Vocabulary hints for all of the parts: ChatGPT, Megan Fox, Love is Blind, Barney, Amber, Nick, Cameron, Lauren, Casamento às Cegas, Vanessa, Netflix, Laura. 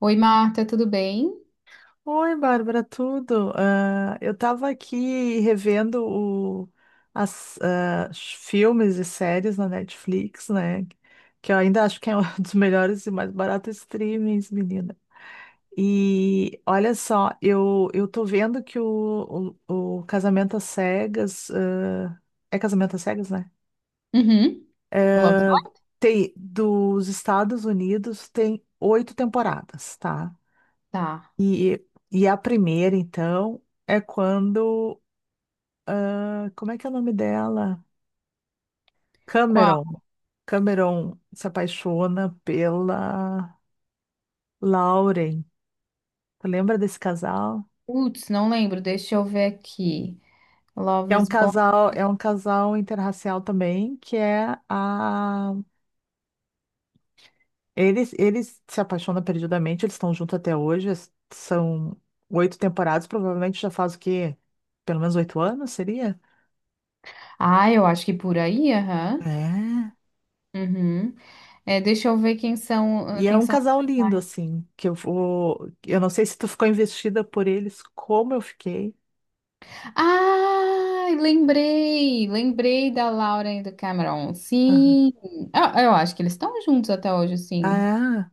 Oi, Marta, tudo bem? Oi, Bárbara, tudo? Eu estava aqui revendo o, os filmes e séries na Netflix, né? Que eu ainda acho que é um dos melhores e mais baratos streamings, menina. E olha só, eu tô vendo que o Casamento às Cegas, é Casamento às Cegas, né? Uhum. Love is Ah, Blind? tem, dos Estados Unidos tem 8 temporadas, tá? Tá. E, e a primeira, então, é quando. Ah, como é que é o nome dela? Qual? Cameron. Cameron se apaixona pela Lauren. Tu lembra desse casal? Putz, não lembro. Deixa eu ver aqui. Love É um is Blind. casal, é um casal interracial também, que é a. Eles se apaixonam perdidamente, eles estão juntos até hoje, são 8 temporadas, provavelmente já faz o quê? Pelo menos 8 anos, seria? Ah, eu acho que por aí, aham. É. Uhum. É, deixa eu ver quem são, E é quem um são os casal lindo, personagens. assim, que eu vou. Eu não sei se tu ficou investida por eles, como eu fiquei. Ah, lembrei! Lembrei da Laura e do Cameron. Aham. Sim. Ah, eu acho que eles estão juntos até hoje, sim. Ah,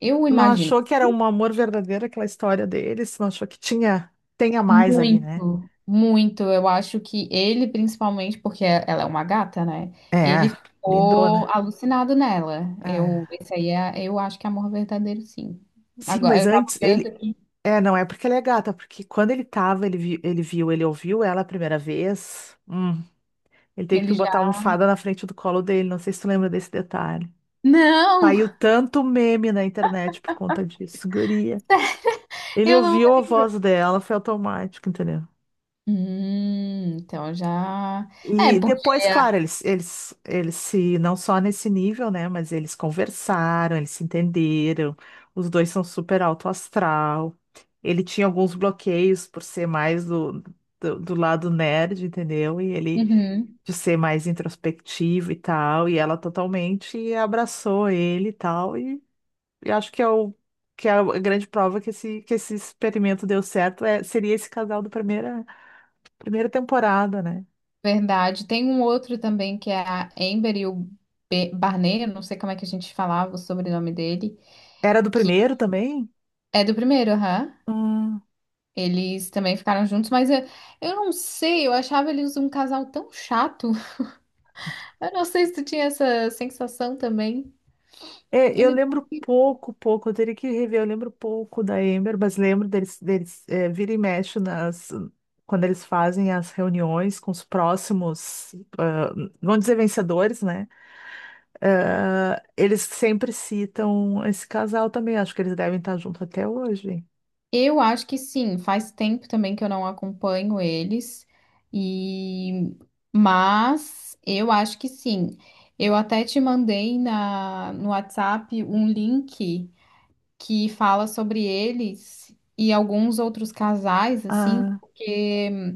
Eu tu não imagino. achou que era um amor verdadeiro aquela história deles? Não achou que tinha, tenha mais ali, né? Muito, muito. Eu acho que ele, principalmente, ela é uma gata, né? É, Ele ficou lindona. alucinado nela. É. Eu acho que é amor verdadeiro, sim. Sim, Agora, mas eu tava antes olhando ele. aqui, É, não é porque ela é gata, porque quando ele tava, ele, ele viu, ele ouviu ela a primeira vez. Ele teve que ele já. botar a almofada na frente do colo dele. Não sei se tu lembra desse detalhe. Não! Saiu tanto meme na internet por conta disso, guria. Ele Eu não. ouviu a voz dela, foi automático, entendeu? Então já. É, E porque depois, a. claro, eles se, não só nesse nível, né? Mas eles conversaram, eles se entenderam. Os dois são super alto astral. Ele tinha alguns bloqueios por ser mais do lado nerd, entendeu? E ele Uhum, de ser mais introspectivo e tal. E ela totalmente abraçou ele e tal. E acho que é o que é a grande prova que que esse experimento deu certo é, seria esse casal do primeiro Primeira temporada, né? verdade. Tem um outro também que é a Amber e o Barney, eu não sei como é que a gente falava o sobrenome dele, Era do que primeiro também? é do primeiro, aham. Hum. Eles também ficaram juntos, mas eu não sei, eu achava eles um casal tão chato. Eu não sei se tu tinha essa sensação também. É, eu Eles lembro pouco, pouco. Eu teria que rever. Eu lembro pouco da Amber, mas lembro deles, deles é, vira e mexe nas, quando eles fazem as reuniões com os próximos, ah, vamos dizer, vencedores, né? Ah, eles sempre citam esse casal também. Acho que eles devem estar juntos até hoje. eu acho que sim, faz tempo também que eu não acompanho eles, e mas eu acho que sim. Eu até te mandei no WhatsApp um link que fala sobre eles e alguns outros casais, assim, Ah, porque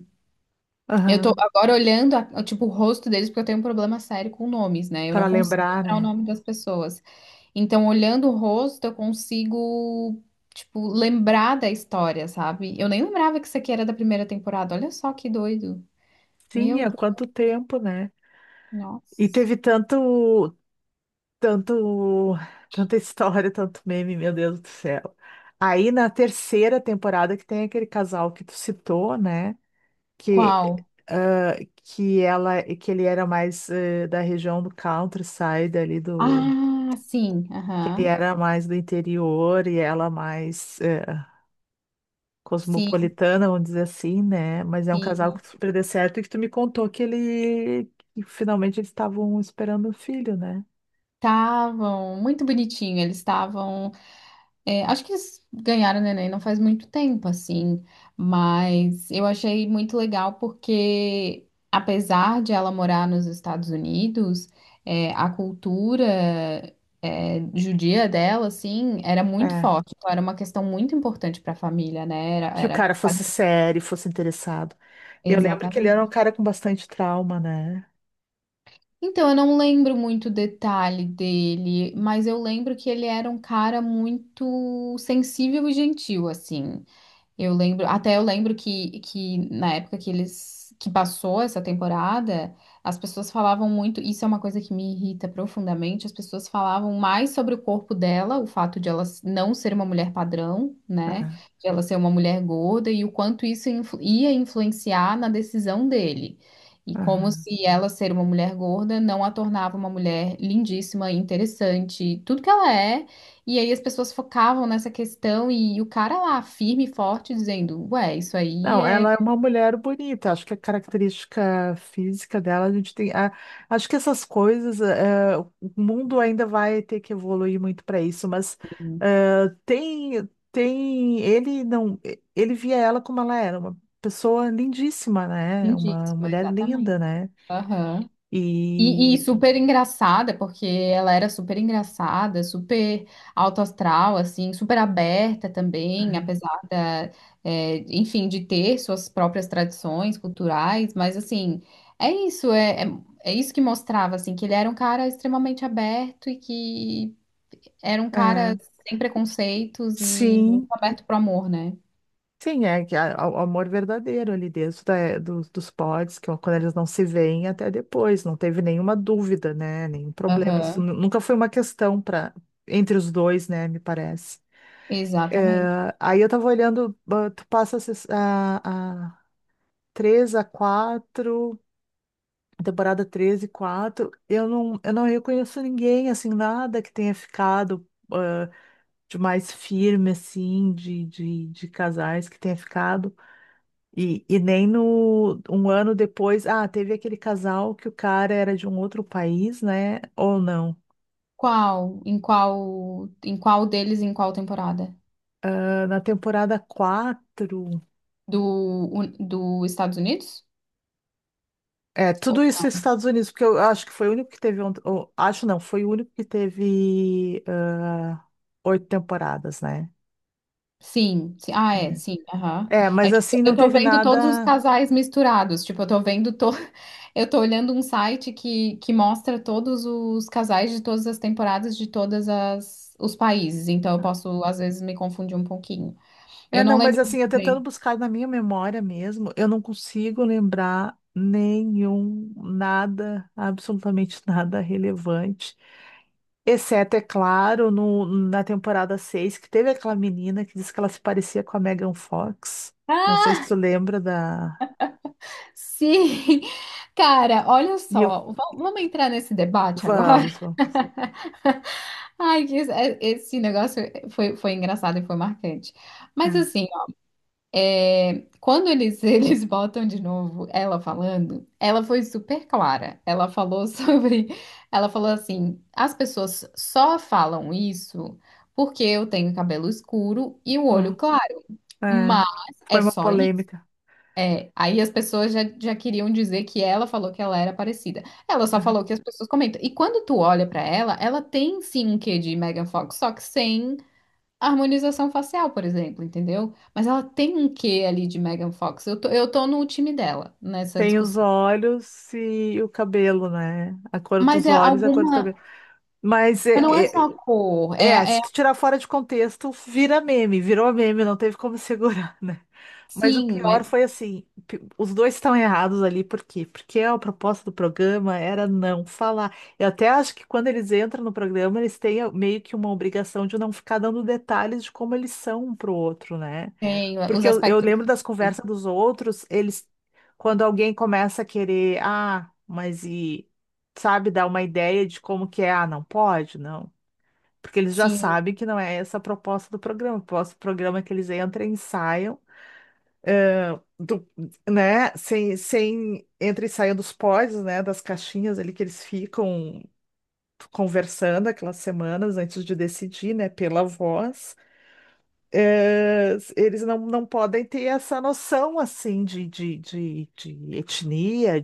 eu tô aham. agora olhando, tipo, o rosto deles, porque eu tenho um problema sério com nomes, né? Eu Para não consigo lembrar, lembrar o né? nome das pessoas. Então, olhando o rosto, eu consigo, tipo, lembrar da história, sabe? Eu nem lembrava que isso aqui era da primeira temporada. Olha só que doido. Sim, Meu há Deus, quanto tempo, né? E nossa. teve tanto, tanto, tanta história, tanto meme, meu Deus do céu. Aí na 3ª temporada que tem aquele casal que tu citou, né? Que, Qual? ah, que ela, que ele era mais da região do countryside ali do, Ah, sim, que ele aham. era mais do interior e ela mais Sim, cosmopolitana, vamos dizer assim, né? Mas é um casal sim. que super deu certo e que tu me contou que ele, que finalmente eles estavam esperando um filho, né? Estavam muito bonitinho, eles estavam. É, acho que eles ganharam o Neném não faz muito tempo, assim, mas eu achei muito legal porque, apesar de ela morar nos Estados Unidos, a cultura, judia dela, assim, era muito É forte. Então, era uma questão muito importante para a família, né? Era, que o era... cara fosse sério, fosse interessado. Eu lembro que ele era um Exatamente. cara com bastante trauma, né? Então, eu não lembro muito o detalhe dele, mas eu lembro que ele era um cara muito sensível e gentil, assim. Eu lembro, até eu lembro que na época que eles que passou essa temporada, as pessoas falavam muito, isso é uma coisa que me irrita profundamente, as pessoas falavam mais sobre o corpo dela, o fato de ela não ser uma mulher padrão, né? Ah, De ela ser uma mulher gorda e o quanto isso ia influenciar na decisão dele. E como aham. se ela ser uma mulher gorda não a tornava uma mulher lindíssima, interessante, tudo que ela é e aí as pessoas focavam nessa questão e o cara lá, firme e forte, dizendo, ué, isso aí Não, é ela é uma mulher bonita. Acho que a característica física dela, a gente tem. Acho que essas coisas, o mundo ainda vai ter que evoluir muito para isso, mas tem, tem. Ele não. Ele via ela como ela era, uma pessoa lindíssima, né? Uma lindíssima, mulher linda, exatamente. né? Aham. E E. super engraçada, porque ela era super engraçada, super alto astral, assim, super aberta também, apesar da, enfim, de ter suas próprias tradições culturais, mas assim, é isso, é, é, é isso que mostrava, assim, que ele era um cara extremamente aberto e que era um É, cara sem preconceitos e muito sim. aberto pro amor, né? Sim, é que o amor verdadeiro ali dentro dos, dos pods, que é quando eles não se veem até depois, não teve nenhuma dúvida, né? Nenhum problema. Isso Aham, nunca foi uma questão para entre os dois, né? Me parece. exatamente. É, aí eu tava olhando, tu passa a, a 3 a 4, temporada 13 e 4 eu não reconheço ninguém, assim, nada que tenha ficado ah, de mais firme, assim, de casais que tenha ficado. E e nem no 1 ano depois, ah, teve aquele casal que o cara era de um outro país, né? Ou não? Qual? Em qual? Em qual deles? Em qual temporada? Ah, na temporada 4 Do, do Estados Unidos? É, Ou- tudo isso nos Estados Unidos, porque eu acho que foi o único que teve. Ou, acho não, foi o único que teve 8 temporadas, né? sim, sim. Ah, É, é, né? sim. Aham. É, É mas que assim, eu não tô teve vendo todos os nada. casais misturados. Tipo, eu tô vendo. To... Eu tô olhando um site que mostra todos os casais de todas as temporadas de todas as os países. Então eu posso, às vezes, me confundir um pouquinho. Eu É, não não, mas lembro assim, muito eu tentando bem. buscar na minha memória mesmo, eu não consigo lembrar nenhum, nada, absolutamente nada relevante. Exceto, é claro, no, na temporada 6 que teve aquela menina que disse que ela se parecia com a Megan Fox. Não Ah, sei se tu lembra da. sim, cara, olha E eu- só, vamos entrar nesse debate agora? Vamos. Vamos. Ai, que isso- é- esse negócio foi engraçado e foi marcante. Mas É, assim, ó, quando eles, eles botam de novo ela falando, ela foi super clara. Ela falou sobre, ela falou assim, as pessoas só falam isso porque eu tenho cabelo escuro e o olho aham, claro, é. mas Foi é uma só polêmica. é, aí as pessoas já queriam dizer que ela falou que ela era parecida. Ela só falou É. que as pessoas comentam. E quando tu olha pra ela, ela tem sim um quê de Megan Fox, só que sem harmonização facial, por exemplo, entendeu? Mas ela tem um quê ali de Megan Fox. Eu tô no time dela nessa Tem os discussão. olhos e o cabelo, né? A cor Mas dos é olhos, e a cor do alguma. cabelo. Mas é, Mas não é só é, a cor, é, é se tu tirar fora de contexto, vira meme, virou meme, não teve como segurar, né? Mas o sim, pior mas foi assim, os dois estão errados ali, por quê? Porque a proposta do programa era não falar. Eu até acho que quando eles entram no programa, eles têm meio que uma obrigação de não ficar dando detalhes de como eles são um pro outro, né? tem os Porque eu aspectos lembro das físicos. conversas dos outros, eles, quando alguém começa a querer, ah, mas e, sabe, dar uma ideia de como que é, ah, não pode, não. Porque eles já Sim, sabem que não é essa a proposta do programa. O propósito do programa é que eles entram e saiam do, né? Sem, sem entra e saiam dos pods, né? Das caixinhas ali que eles ficam conversando aquelas semanas antes de decidir, né? Pela voz. É, eles não, não podem ter essa noção assim de etnia,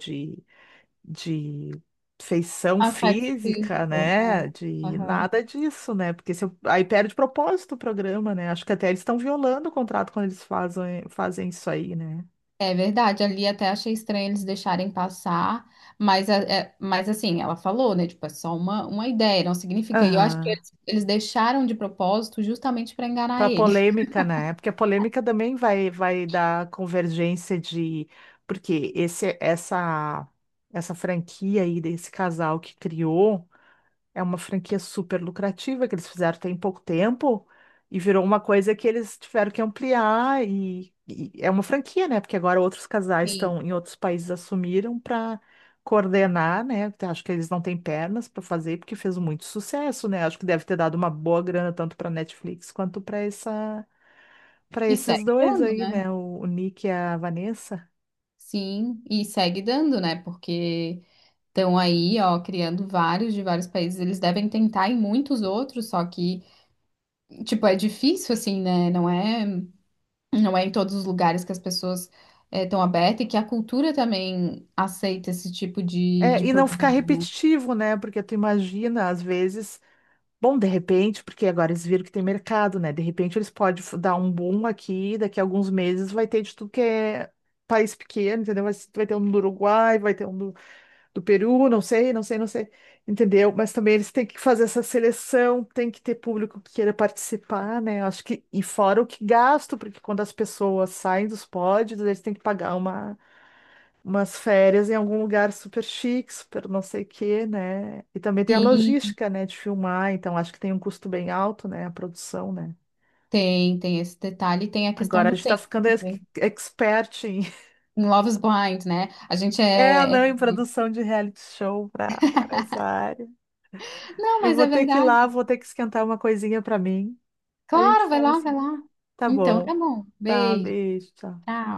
de feição aspecto física, físico. É. né? De Aham. nada disso, né? Porque se eu- aí perde propósito o programa, né? Acho que até eles estão violando o contrato quando eles fazem, fazem isso aí, né? É verdade, ali até achei estranho eles deixarem passar, mas, mas assim, ela falou, né? Tipo, é só uma ideia, não significa. E eu acho que Aham. Eles deixaram de propósito justamente para enganar Para ele. polêmica, né? Porque a polêmica também vai, vai dar convergência de. Porque essa franquia aí desse casal que criou. É uma franquia super lucrativa que eles fizeram tem pouco tempo e virou uma coisa que eles tiveram que ampliar e é uma franquia, né? Porque agora outros casais Sim. estão em outros países assumiram para coordenar, né? Acho que eles não têm pernas para fazer porque fez muito sucesso, né? Acho que deve ter dado uma boa grana tanto para Netflix quanto para essa para E esses segue dois dando, aí, né? né? O Nick e a Vanessa. Sim, e segue dando, né? Porque estão aí, ó, criando vários de vários países. Eles devem tentar em muitos outros, só que, tipo, é difícil, assim, né? Não é. Não é em todos os lugares que as pessoas estão abertas e que a cultura também aceita esse tipo É, de e não ficar programa. repetitivo, né? Porque tu imagina, às vezes Bom, de repente, porque agora eles viram que tem mercado, né? De repente eles podem dar um boom aqui, daqui a alguns meses vai ter de tudo que é país pequeno, entendeu? Vai ter um do Uruguai, vai ter um do, do Peru, não sei, não sei, não sei, entendeu? Mas também eles têm que fazer essa seleção, tem que ter público que queira participar, né? Eu acho que, e fora o que gasto, porque quando as pessoas saem dos pódios, eles têm que pagar uma umas férias em algum lugar super chique, super não sei o quê, né? E também tem a Sim, logística, né, de filmar, então acho que tem um custo bem alto, né, a produção, né? tem, tem esse detalhe. E tem a questão Agora a do gente tá tempo ficando também. expert em, Em Love is Blind, né? A gente é, é... não, é- em produção de reality show pra, pra essa área. não, Eu mas vou é ter que ir lá, verdade. vou ter que esquentar uma coisinha pra mim. A gente Claro, vai fala em lá, vai seguida. lá. Tá Então, bom. tá bom. Tá, Beijo. beijo, tchau. Tchau.